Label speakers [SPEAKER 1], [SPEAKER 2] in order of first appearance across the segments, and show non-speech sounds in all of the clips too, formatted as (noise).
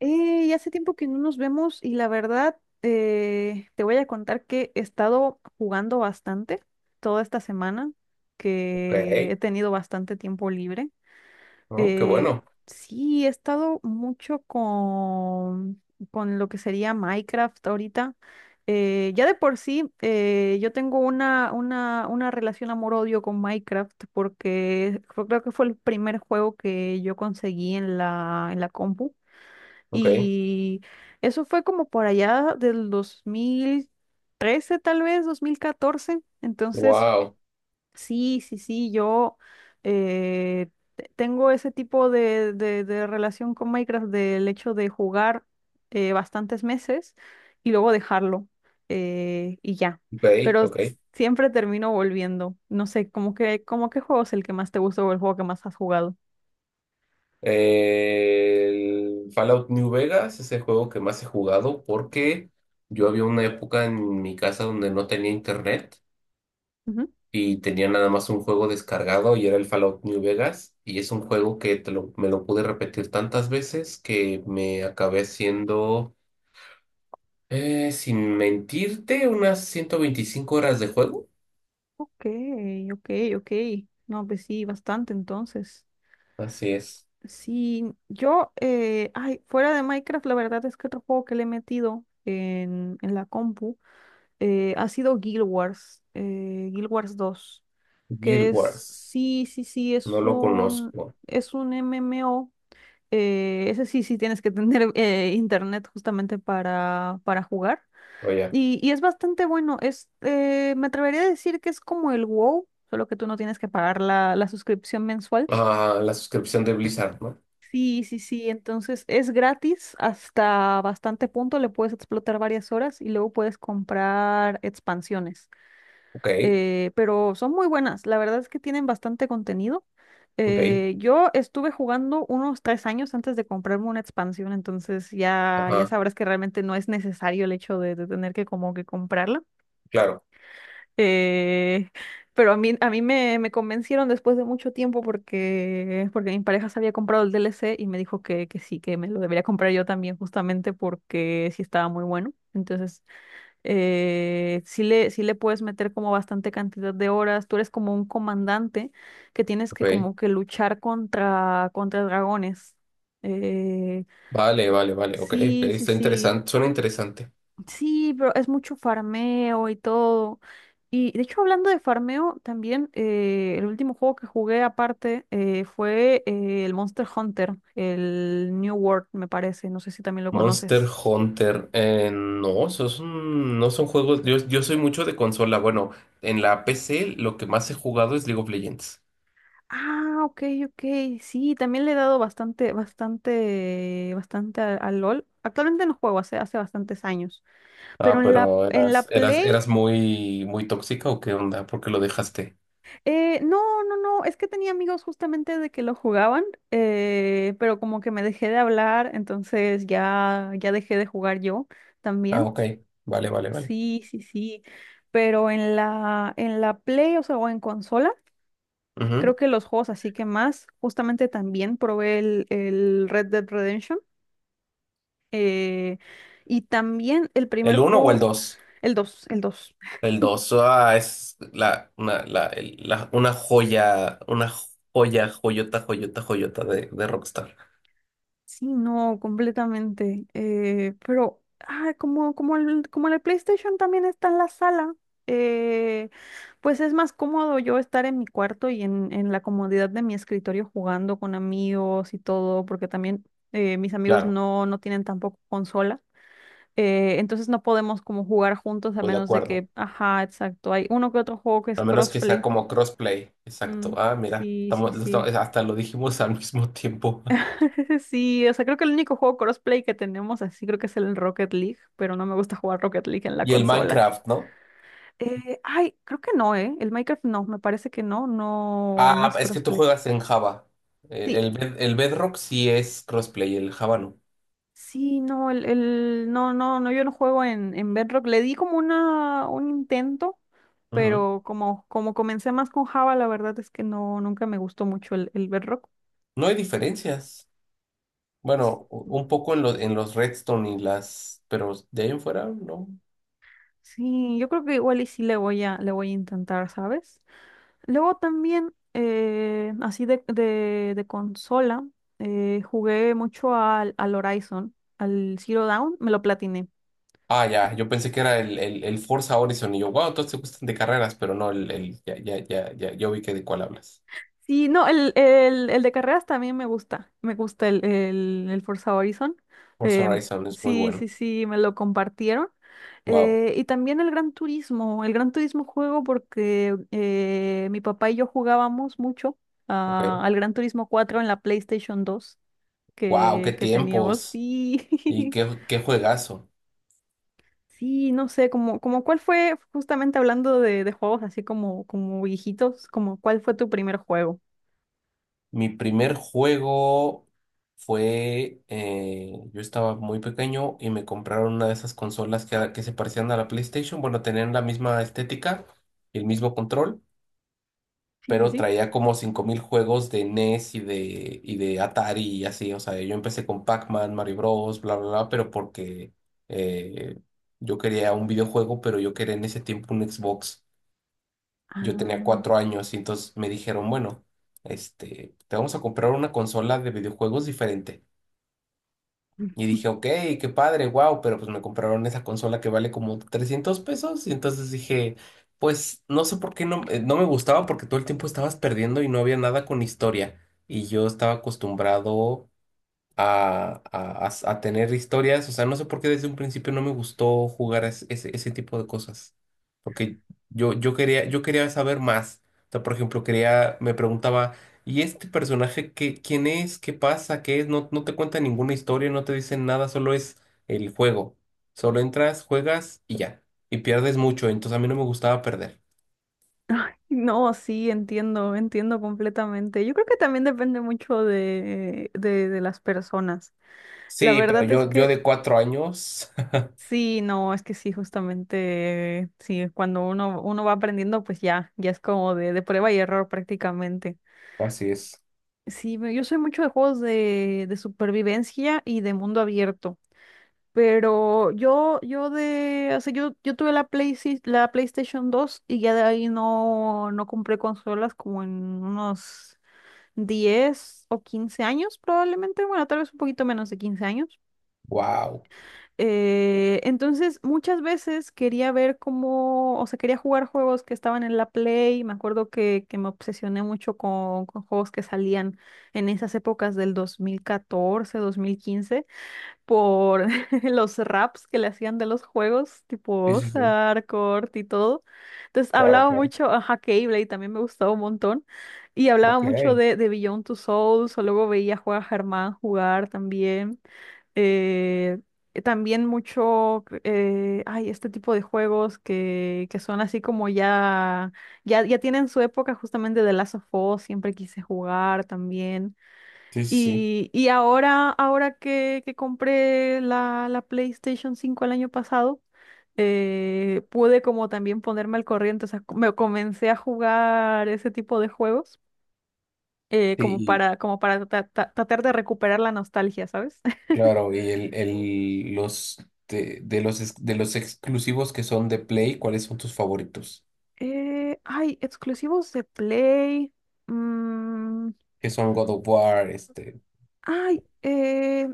[SPEAKER 1] Ya hace tiempo que no nos vemos y la verdad te voy a contar que he estado jugando bastante toda esta semana, que
[SPEAKER 2] Ok,
[SPEAKER 1] he tenido bastante tiempo libre.
[SPEAKER 2] oh, qué
[SPEAKER 1] Eh,
[SPEAKER 2] bueno.
[SPEAKER 1] sí, he estado mucho con lo que sería Minecraft ahorita. Ya de por sí, yo tengo una relación amor-odio con Minecraft porque creo que fue el primer juego que yo conseguí en en la compu.
[SPEAKER 2] Ok,
[SPEAKER 1] Y eso fue como por allá del 2013, tal vez, 2014. Entonces,
[SPEAKER 2] wow.
[SPEAKER 1] sí, sí, sí, yo eh, tengo ese tipo de relación con Minecraft del hecho de jugar bastantes meses y luego dejarlo y ya.
[SPEAKER 2] Ok,
[SPEAKER 1] Pero s-
[SPEAKER 2] ok.
[SPEAKER 1] Siempre termino volviendo. No sé, ¿cómo que, cómo qué juego es el que más te gusta o el juego que más has jugado?
[SPEAKER 2] El Fallout New Vegas es el juego que más he jugado porque yo había una época en mi casa donde no tenía internet y tenía nada más un juego descargado y era el Fallout New Vegas. Y es un juego que me lo pude repetir tantas veces que me acabé haciendo, sin mentirte, unas 125 horas de juego.
[SPEAKER 1] Ok, ok, ok. No, pues sí, bastante entonces.
[SPEAKER 2] Así es.
[SPEAKER 1] Sí, yo, ay, fuera de Minecraft, la verdad es que otro juego que le he metido en la compu ha sido Guild Wars, Guild Wars dos que
[SPEAKER 2] Guild Wars.
[SPEAKER 1] sí, sí, sí,
[SPEAKER 2] No lo conozco.
[SPEAKER 1] es un MMO. Ese sí, sí tienes que tener internet justamente para jugar.
[SPEAKER 2] Oye,
[SPEAKER 1] Y es bastante bueno. Es, me atrevería a decir que es como el WoW, solo que tú no tienes que pagar la suscripción mensual.
[SPEAKER 2] ah, la suscripción de Blizzard, ¿no?
[SPEAKER 1] Sí, sí, sí. Entonces es gratis hasta bastante punto. Le puedes explotar varias horas y luego puedes comprar expansiones.
[SPEAKER 2] Ok,
[SPEAKER 1] Pero son muy buenas. La verdad es que tienen bastante contenido.
[SPEAKER 2] ok,
[SPEAKER 1] Yo estuve jugando unos tres años antes de comprarme una expansión, entonces ya, ya
[SPEAKER 2] ajá,
[SPEAKER 1] sabrás que realmente no es necesario el hecho de tener que como que comprarla.
[SPEAKER 2] claro,
[SPEAKER 1] Eh, pero a mí me, me convencieron después de mucho tiempo porque, porque mi pareja se había comprado el DLC y me dijo que sí, que me lo debería comprar yo también justamente porque sí estaba muy bueno. Entonces, sí le puedes meter como bastante cantidad de horas. Tú eres como un comandante que tienes que
[SPEAKER 2] ok.
[SPEAKER 1] como que luchar contra, contra dragones. Eh,
[SPEAKER 2] Vale, vale, vale, ok, ok,
[SPEAKER 1] sí, sí,
[SPEAKER 2] está
[SPEAKER 1] sí.
[SPEAKER 2] interesante, suena interesante.
[SPEAKER 1] Sí, pero es mucho farmeo y todo. Y de hecho, hablando de farmeo, también el último juego que jugué aparte fue el Monster Hunter, el New World, me parece. No sé si también lo
[SPEAKER 2] Monster
[SPEAKER 1] conoces.
[SPEAKER 2] Hunter, no, no son juegos, yo soy mucho de consola, bueno, en la PC lo que más he jugado es League of Legends.
[SPEAKER 1] Ah, ok, ok. Sí, también le he dado bastante, bastante, bastante al LOL. Actualmente no juego, hace, hace bastantes años.
[SPEAKER 2] Ah,
[SPEAKER 1] Pero
[SPEAKER 2] pero
[SPEAKER 1] en la Play.
[SPEAKER 2] eras muy, muy tóxica o qué onda, ¿por qué lo dejaste?
[SPEAKER 1] No, no, no, es que tenía amigos justamente de que lo jugaban, pero como que me dejé de hablar, entonces ya, ya dejé de jugar yo
[SPEAKER 2] Ah,
[SPEAKER 1] también.
[SPEAKER 2] ok, vale, vale, vale.
[SPEAKER 1] Sí, sí, sí, pero en la Play, o sea, o en consola,
[SPEAKER 2] Ujú.
[SPEAKER 1] creo que los juegos así que más, justamente también probé el Red Dead Redemption, eh, y también el primer
[SPEAKER 2] ¿El uno o el
[SPEAKER 1] juego,
[SPEAKER 2] dos?
[SPEAKER 1] el 2, el 2.
[SPEAKER 2] El 2, ah, es la, una, la, el- la- una joya, joyota, joyota, joyota de Rockstar.
[SPEAKER 1] Sí, no, completamente. Pero, ah, como, como el PlayStation también está en la sala, eh, pues es más cómodo yo estar en mi cuarto y en la comodidad de mi escritorio jugando con amigos y todo, porque también mis amigos
[SPEAKER 2] Claro,
[SPEAKER 1] no, no tienen tampoco consola. Entonces no podemos como jugar juntos a
[SPEAKER 2] voy de
[SPEAKER 1] menos de
[SPEAKER 2] acuerdo.
[SPEAKER 1] que, ajá, exacto, hay uno que otro juego que es
[SPEAKER 2] A menos que sea
[SPEAKER 1] crossplay.
[SPEAKER 2] como crossplay. Exacto.
[SPEAKER 1] Mm,
[SPEAKER 2] Ah, mira,
[SPEAKER 1] sí, sí, sí.
[SPEAKER 2] hasta lo dijimos (laughs) al mismo tiempo.
[SPEAKER 1] (laughs) Sí, o sea, creo que el único juego crossplay que tenemos así creo que es el Rocket League, pero no me gusta jugar Rocket League en la
[SPEAKER 2] Y el
[SPEAKER 1] consola.
[SPEAKER 2] Minecraft, ¿no?
[SPEAKER 1] Ay, creo que no, ¿eh? El Minecraft no, me parece que no, no, no
[SPEAKER 2] Ah,
[SPEAKER 1] es
[SPEAKER 2] es que tú
[SPEAKER 1] crossplay.
[SPEAKER 2] juegas en Java.
[SPEAKER 1] Sí,
[SPEAKER 2] El Bedrock sí es crossplay, el Java no.
[SPEAKER 1] sí, no, el, no, no, no, yo no juego en Bedrock. Le di como una, un intento,
[SPEAKER 2] Ujú.
[SPEAKER 1] pero como, como comencé más con Java, la verdad es que no, nunca me gustó mucho el Bedrock.
[SPEAKER 2] No hay diferencias. Bueno, un poco en los Redstone y las, pero de ahí en fuera, no.
[SPEAKER 1] Sí, yo creo que igual y sí le voy a intentar, ¿sabes? Luego también, así de consola, jugué mucho al, al Horizon, al Zero Dawn, me lo platiné.
[SPEAKER 2] Ah, ya, yo pensé que era el Forza Horizon y yo, wow, todos te gustan de carreras, pero no, ya, ya, ya, ya, yo vi que de cuál hablas.
[SPEAKER 1] Sí, no, el de carreras también me gusta el Forza Horizon.
[SPEAKER 2] Forza
[SPEAKER 1] em,
[SPEAKER 2] Horizon es muy
[SPEAKER 1] sí,
[SPEAKER 2] bueno.
[SPEAKER 1] sí, sí, me lo compartieron.
[SPEAKER 2] Wow,
[SPEAKER 1] Y también el Gran Turismo juego porque mi papá y yo jugábamos mucho
[SPEAKER 2] ok.
[SPEAKER 1] al Gran Turismo cuatro en la PlayStation dos
[SPEAKER 2] Wow, qué
[SPEAKER 1] que teníamos,
[SPEAKER 2] tiempos y
[SPEAKER 1] sí. (laughs)
[SPEAKER 2] qué juegazo.
[SPEAKER 1] Sí, no sé, como, como cuál fue, justamente hablando de juegos así como, como viejitos, como cuál fue tu primer juego.
[SPEAKER 2] Mi primer juego fue, yo estaba muy pequeño y me compraron una de esas consolas que se parecían a la PlayStation, bueno, tenían la misma estética y el mismo control.
[SPEAKER 1] Sí, sí,
[SPEAKER 2] Pero
[SPEAKER 1] sí.
[SPEAKER 2] traía como 5,000 juegos de NES y de Atari y así. O sea, yo empecé con Pac-Man, Mario Bros, bla, bla, bla, pero porque eh, yo quería un videojuego, pero yo quería en ese tiempo un Xbox.
[SPEAKER 1] Ah,
[SPEAKER 2] Yo tenía
[SPEAKER 1] mm.
[SPEAKER 2] 4 años y entonces me dijeron, bueno, este, te vamos a comprar una consola de videojuegos diferente. Y
[SPEAKER 1] (laughs)
[SPEAKER 2] dije, ok, qué padre, wow, pero pues me compraron esa consola que vale como 300 pesos. Y entonces dije, pues no sé por qué no, no me gustaba porque todo el tiempo estabas perdiendo y no había nada con historia. Y yo estaba acostumbrado a tener historias. O sea, no sé por qué desde un principio no me gustó jugar ese tipo de cosas. Porque yo quería saber más. O sea, por ejemplo, me preguntaba, ¿y este personaje quién es? ¿Qué pasa? ¿Qué es? No, no te cuenta ninguna historia, no te dicen nada, solo es el juego. Solo entras, juegas y ya. Y pierdes mucho, entonces a mí no me gustaba perder.
[SPEAKER 1] Ay, no, sí, entiendo, entiendo completamente. Yo creo que también depende mucho de las personas. La
[SPEAKER 2] Sí, pero
[SPEAKER 1] verdad es
[SPEAKER 2] yo
[SPEAKER 1] que
[SPEAKER 2] de 4 años. (laughs)
[SPEAKER 1] sí, no, es que sí, justamente, sí, cuando uno, uno va aprendiendo, pues ya, ya es como de prueba y error prácticamente.
[SPEAKER 2] Así es.
[SPEAKER 1] Sí, yo soy mucho de juegos de supervivencia y de mundo abierto. Pero yo de, o sea, yo tuve la Play, la PlayStation dos y ya de ahí no, no compré consolas como en unos 10 o 15 años probablemente, bueno, tal vez un poquito menos de 15 años.
[SPEAKER 2] Wow.
[SPEAKER 1] Entonces, muchas veces quería ver cómo, o sea, quería jugar juegos que estaban en la Play. Me acuerdo que me obsesioné mucho con juegos que salían en esas épocas del 2014, 2015 por (laughs) los raps que le hacían de los juegos,
[SPEAKER 2] Sí,
[SPEAKER 1] tipo
[SPEAKER 2] sí, sí.
[SPEAKER 1] Sarkort y todo. Entonces
[SPEAKER 2] Claro,
[SPEAKER 1] hablaba
[SPEAKER 2] claro.
[SPEAKER 1] mucho, ajá, Keyblade también me gustaba un montón. Y hablaba
[SPEAKER 2] Ok.
[SPEAKER 1] mucho de Beyond Two Souls, o luego veía jugar a Germán jugar también. Eh, También mucho, ay, este tipo de juegos que son así como ya, ya, ya tienen su época justamente de Last of Us, siempre quise jugar también.
[SPEAKER 2] Sí, sí,
[SPEAKER 1] Y ahora, ahora que compré la, la PlayStation cinco el año pasado, pude como también ponerme al corriente, o sea, me comencé a jugar ese tipo de juegos,
[SPEAKER 2] sí,
[SPEAKER 1] como
[SPEAKER 2] y
[SPEAKER 1] para, como para tratar de recuperar la nostalgia, ¿sabes? (laughs)
[SPEAKER 2] claro, y los de los exclusivos que son de Play, ¿cuáles son tus favoritos?
[SPEAKER 1] Ay, exclusivos de Play. mm,
[SPEAKER 2] Que son God of War, este,
[SPEAKER 1] Ay,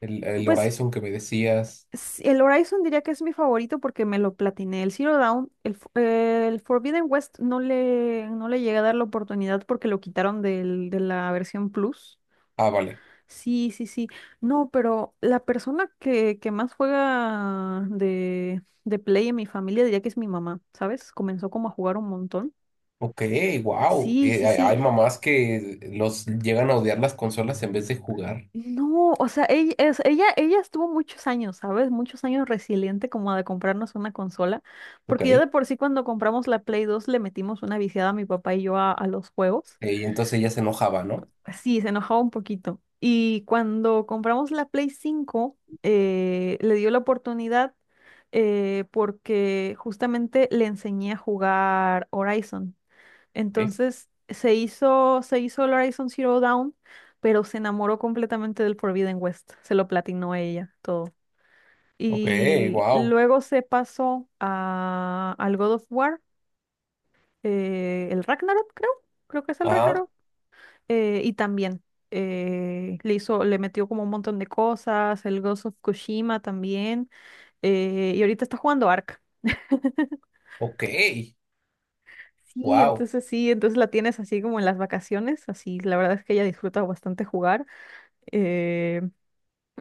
[SPEAKER 2] el
[SPEAKER 1] pues
[SPEAKER 2] Horizon que me decías.
[SPEAKER 1] el Horizon diría que es mi favorito porque me lo platiné. El Zero Dawn, el, el Forbidden West no le, no le llegué a dar la oportunidad porque lo quitaron de la versión Plus.
[SPEAKER 2] Ah, vale.
[SPEAKER 1] Sí, sí, sí. No, pero la persona que más juega de Play en mi familia diría que es mi mamá, ¿sabes? Comenzó como a jugar un montón.
[SPEAKER 2] Ok, wow.
[SPEAKER 1] Sí,
[SPEAKER 2] hay,
[SPEAKER 1] sí, sí.
[SPEAKER 2] hay mamás que los llegan a odiar las consolas en vez de jugar.
[SPEAKER 1] No, o sea, ella, ella, ella estuvo muchos años, ¿sabes? Muchos años resiliente como de comprarnos una consola,
[SPEAKER 2] Ok.
[SPEAKER 1] porque ya de por sí cuando compramos la Play 2 le metimos una viciada a mi papá y yo a los juegos.
[SPEAKER 2] Y entonces ella se enojaba, ¿no?
[SPEAKER 1] Pues sí, se enojaba un poquito. Y cuando compramos la Play 5 le dio la oportunidad porque justamente le enseñé a jugar Horizon. Entonces se hizo el Horizon Zero Dawn, pero se enamoró completamente del Forbidden West. Se lo platinó ella, todo.
[SPEAKER 2] Ok,
[SPEAKER 1] Y
[SPEAKER 2] wow.
[SPEAKER 1] luego se pasó a, al God of War, el Ragnarok, creo. Creo que es el
[SPEAKER 2] Ah,
[SPEAKER 1] Ragnarok. Y también le hizo, le metió como un montón de cosas, el Ghost of Tsushima también. Y ahorita está jugando Ark. (laughs)
[SPEAKER 2] ok, wow.
[SPEAKER 1] Sí, entonces la tienes así como en las vacaciones, así la verdad es que ella disfruta bastante jugar. eh,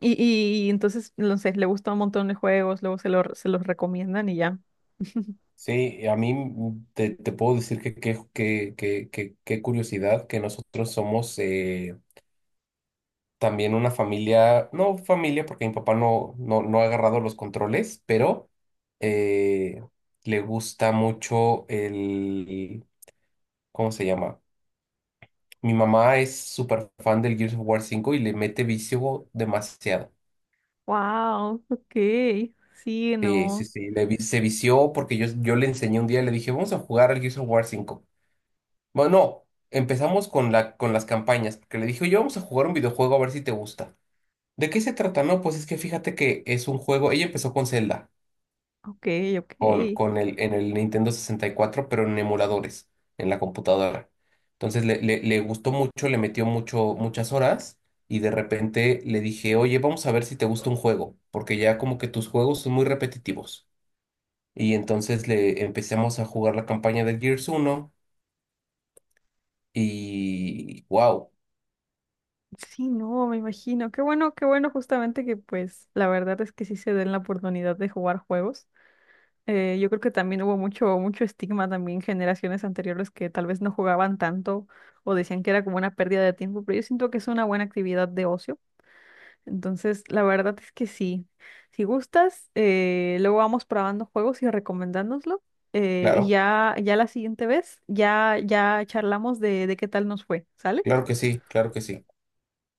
[SPEAKER 1] y, y entonces, no sé, le gusta un montón de juegos, luego se, lo, se los recomiendan y ya. (laughs)
[SPEAKER 2] Sí, a mí te puedo decir que, qué curiosidad que nosotros somos también una familia, no familia porque mi papá no ha agarrado los controles, pero eh, le gusta mucho el, ¿cómo se llama? Mi mamá es súper fan del Gears of War 5 y le mete vicio demasiado.
[SPEAKER 1] Wow, ok, sí,
[SPEAKER 2] Sí, sí,
[SPEAKER 1] no,
[SPEAKER 2] sí, se vició porque yo le enseñé un día, le dije, vamos a jugar al Gears of War 5. Bueno, no, empezamos con las campañas, porque le dije, oye, vamos a jugar un videojuego a ver si te gusta. ¿De qué se trata? No, pues es que fíjate que es un juego, ella empezó con Zelda,
[SPEAKER 1] ok, ok.
[SPEAKER 2] en el Nintendo 64, pero en emuladores, en la computadora. Entonces le gustó mucho, le metió mucho, muchas horas y de repente le dije, oye, vamos a ver si te gusta un juego, porque ya como que tus juegos son muy repetitivos. Y entonces le empezamos a jugar la campaña de Gears uno y wow.
[SPEAKER 1] Sí, no, me imagino. Qué bueno justamente que pues la verdad es que sí se den la oportunidad de jugar juegos. Yo creo que también hubo mucho, mucho estigma también generaciones anteriores que tal vez no jugaban tanto o decían que era como una pérdida de tiempo, pero yo siento que es una buena actividad de ocio. Entonces, la verdad es que sí. Si gustas, luego vamos probando juegos y recomendándonoslo. Y
[SPEAKER 2] Claro.
[SPEAKER 1] ya, ya la siguiente vez, ya, ya charlamos de qué tal nos fue, ¿sale?
[SPEAKER 2] Claro que sí, claro que sí.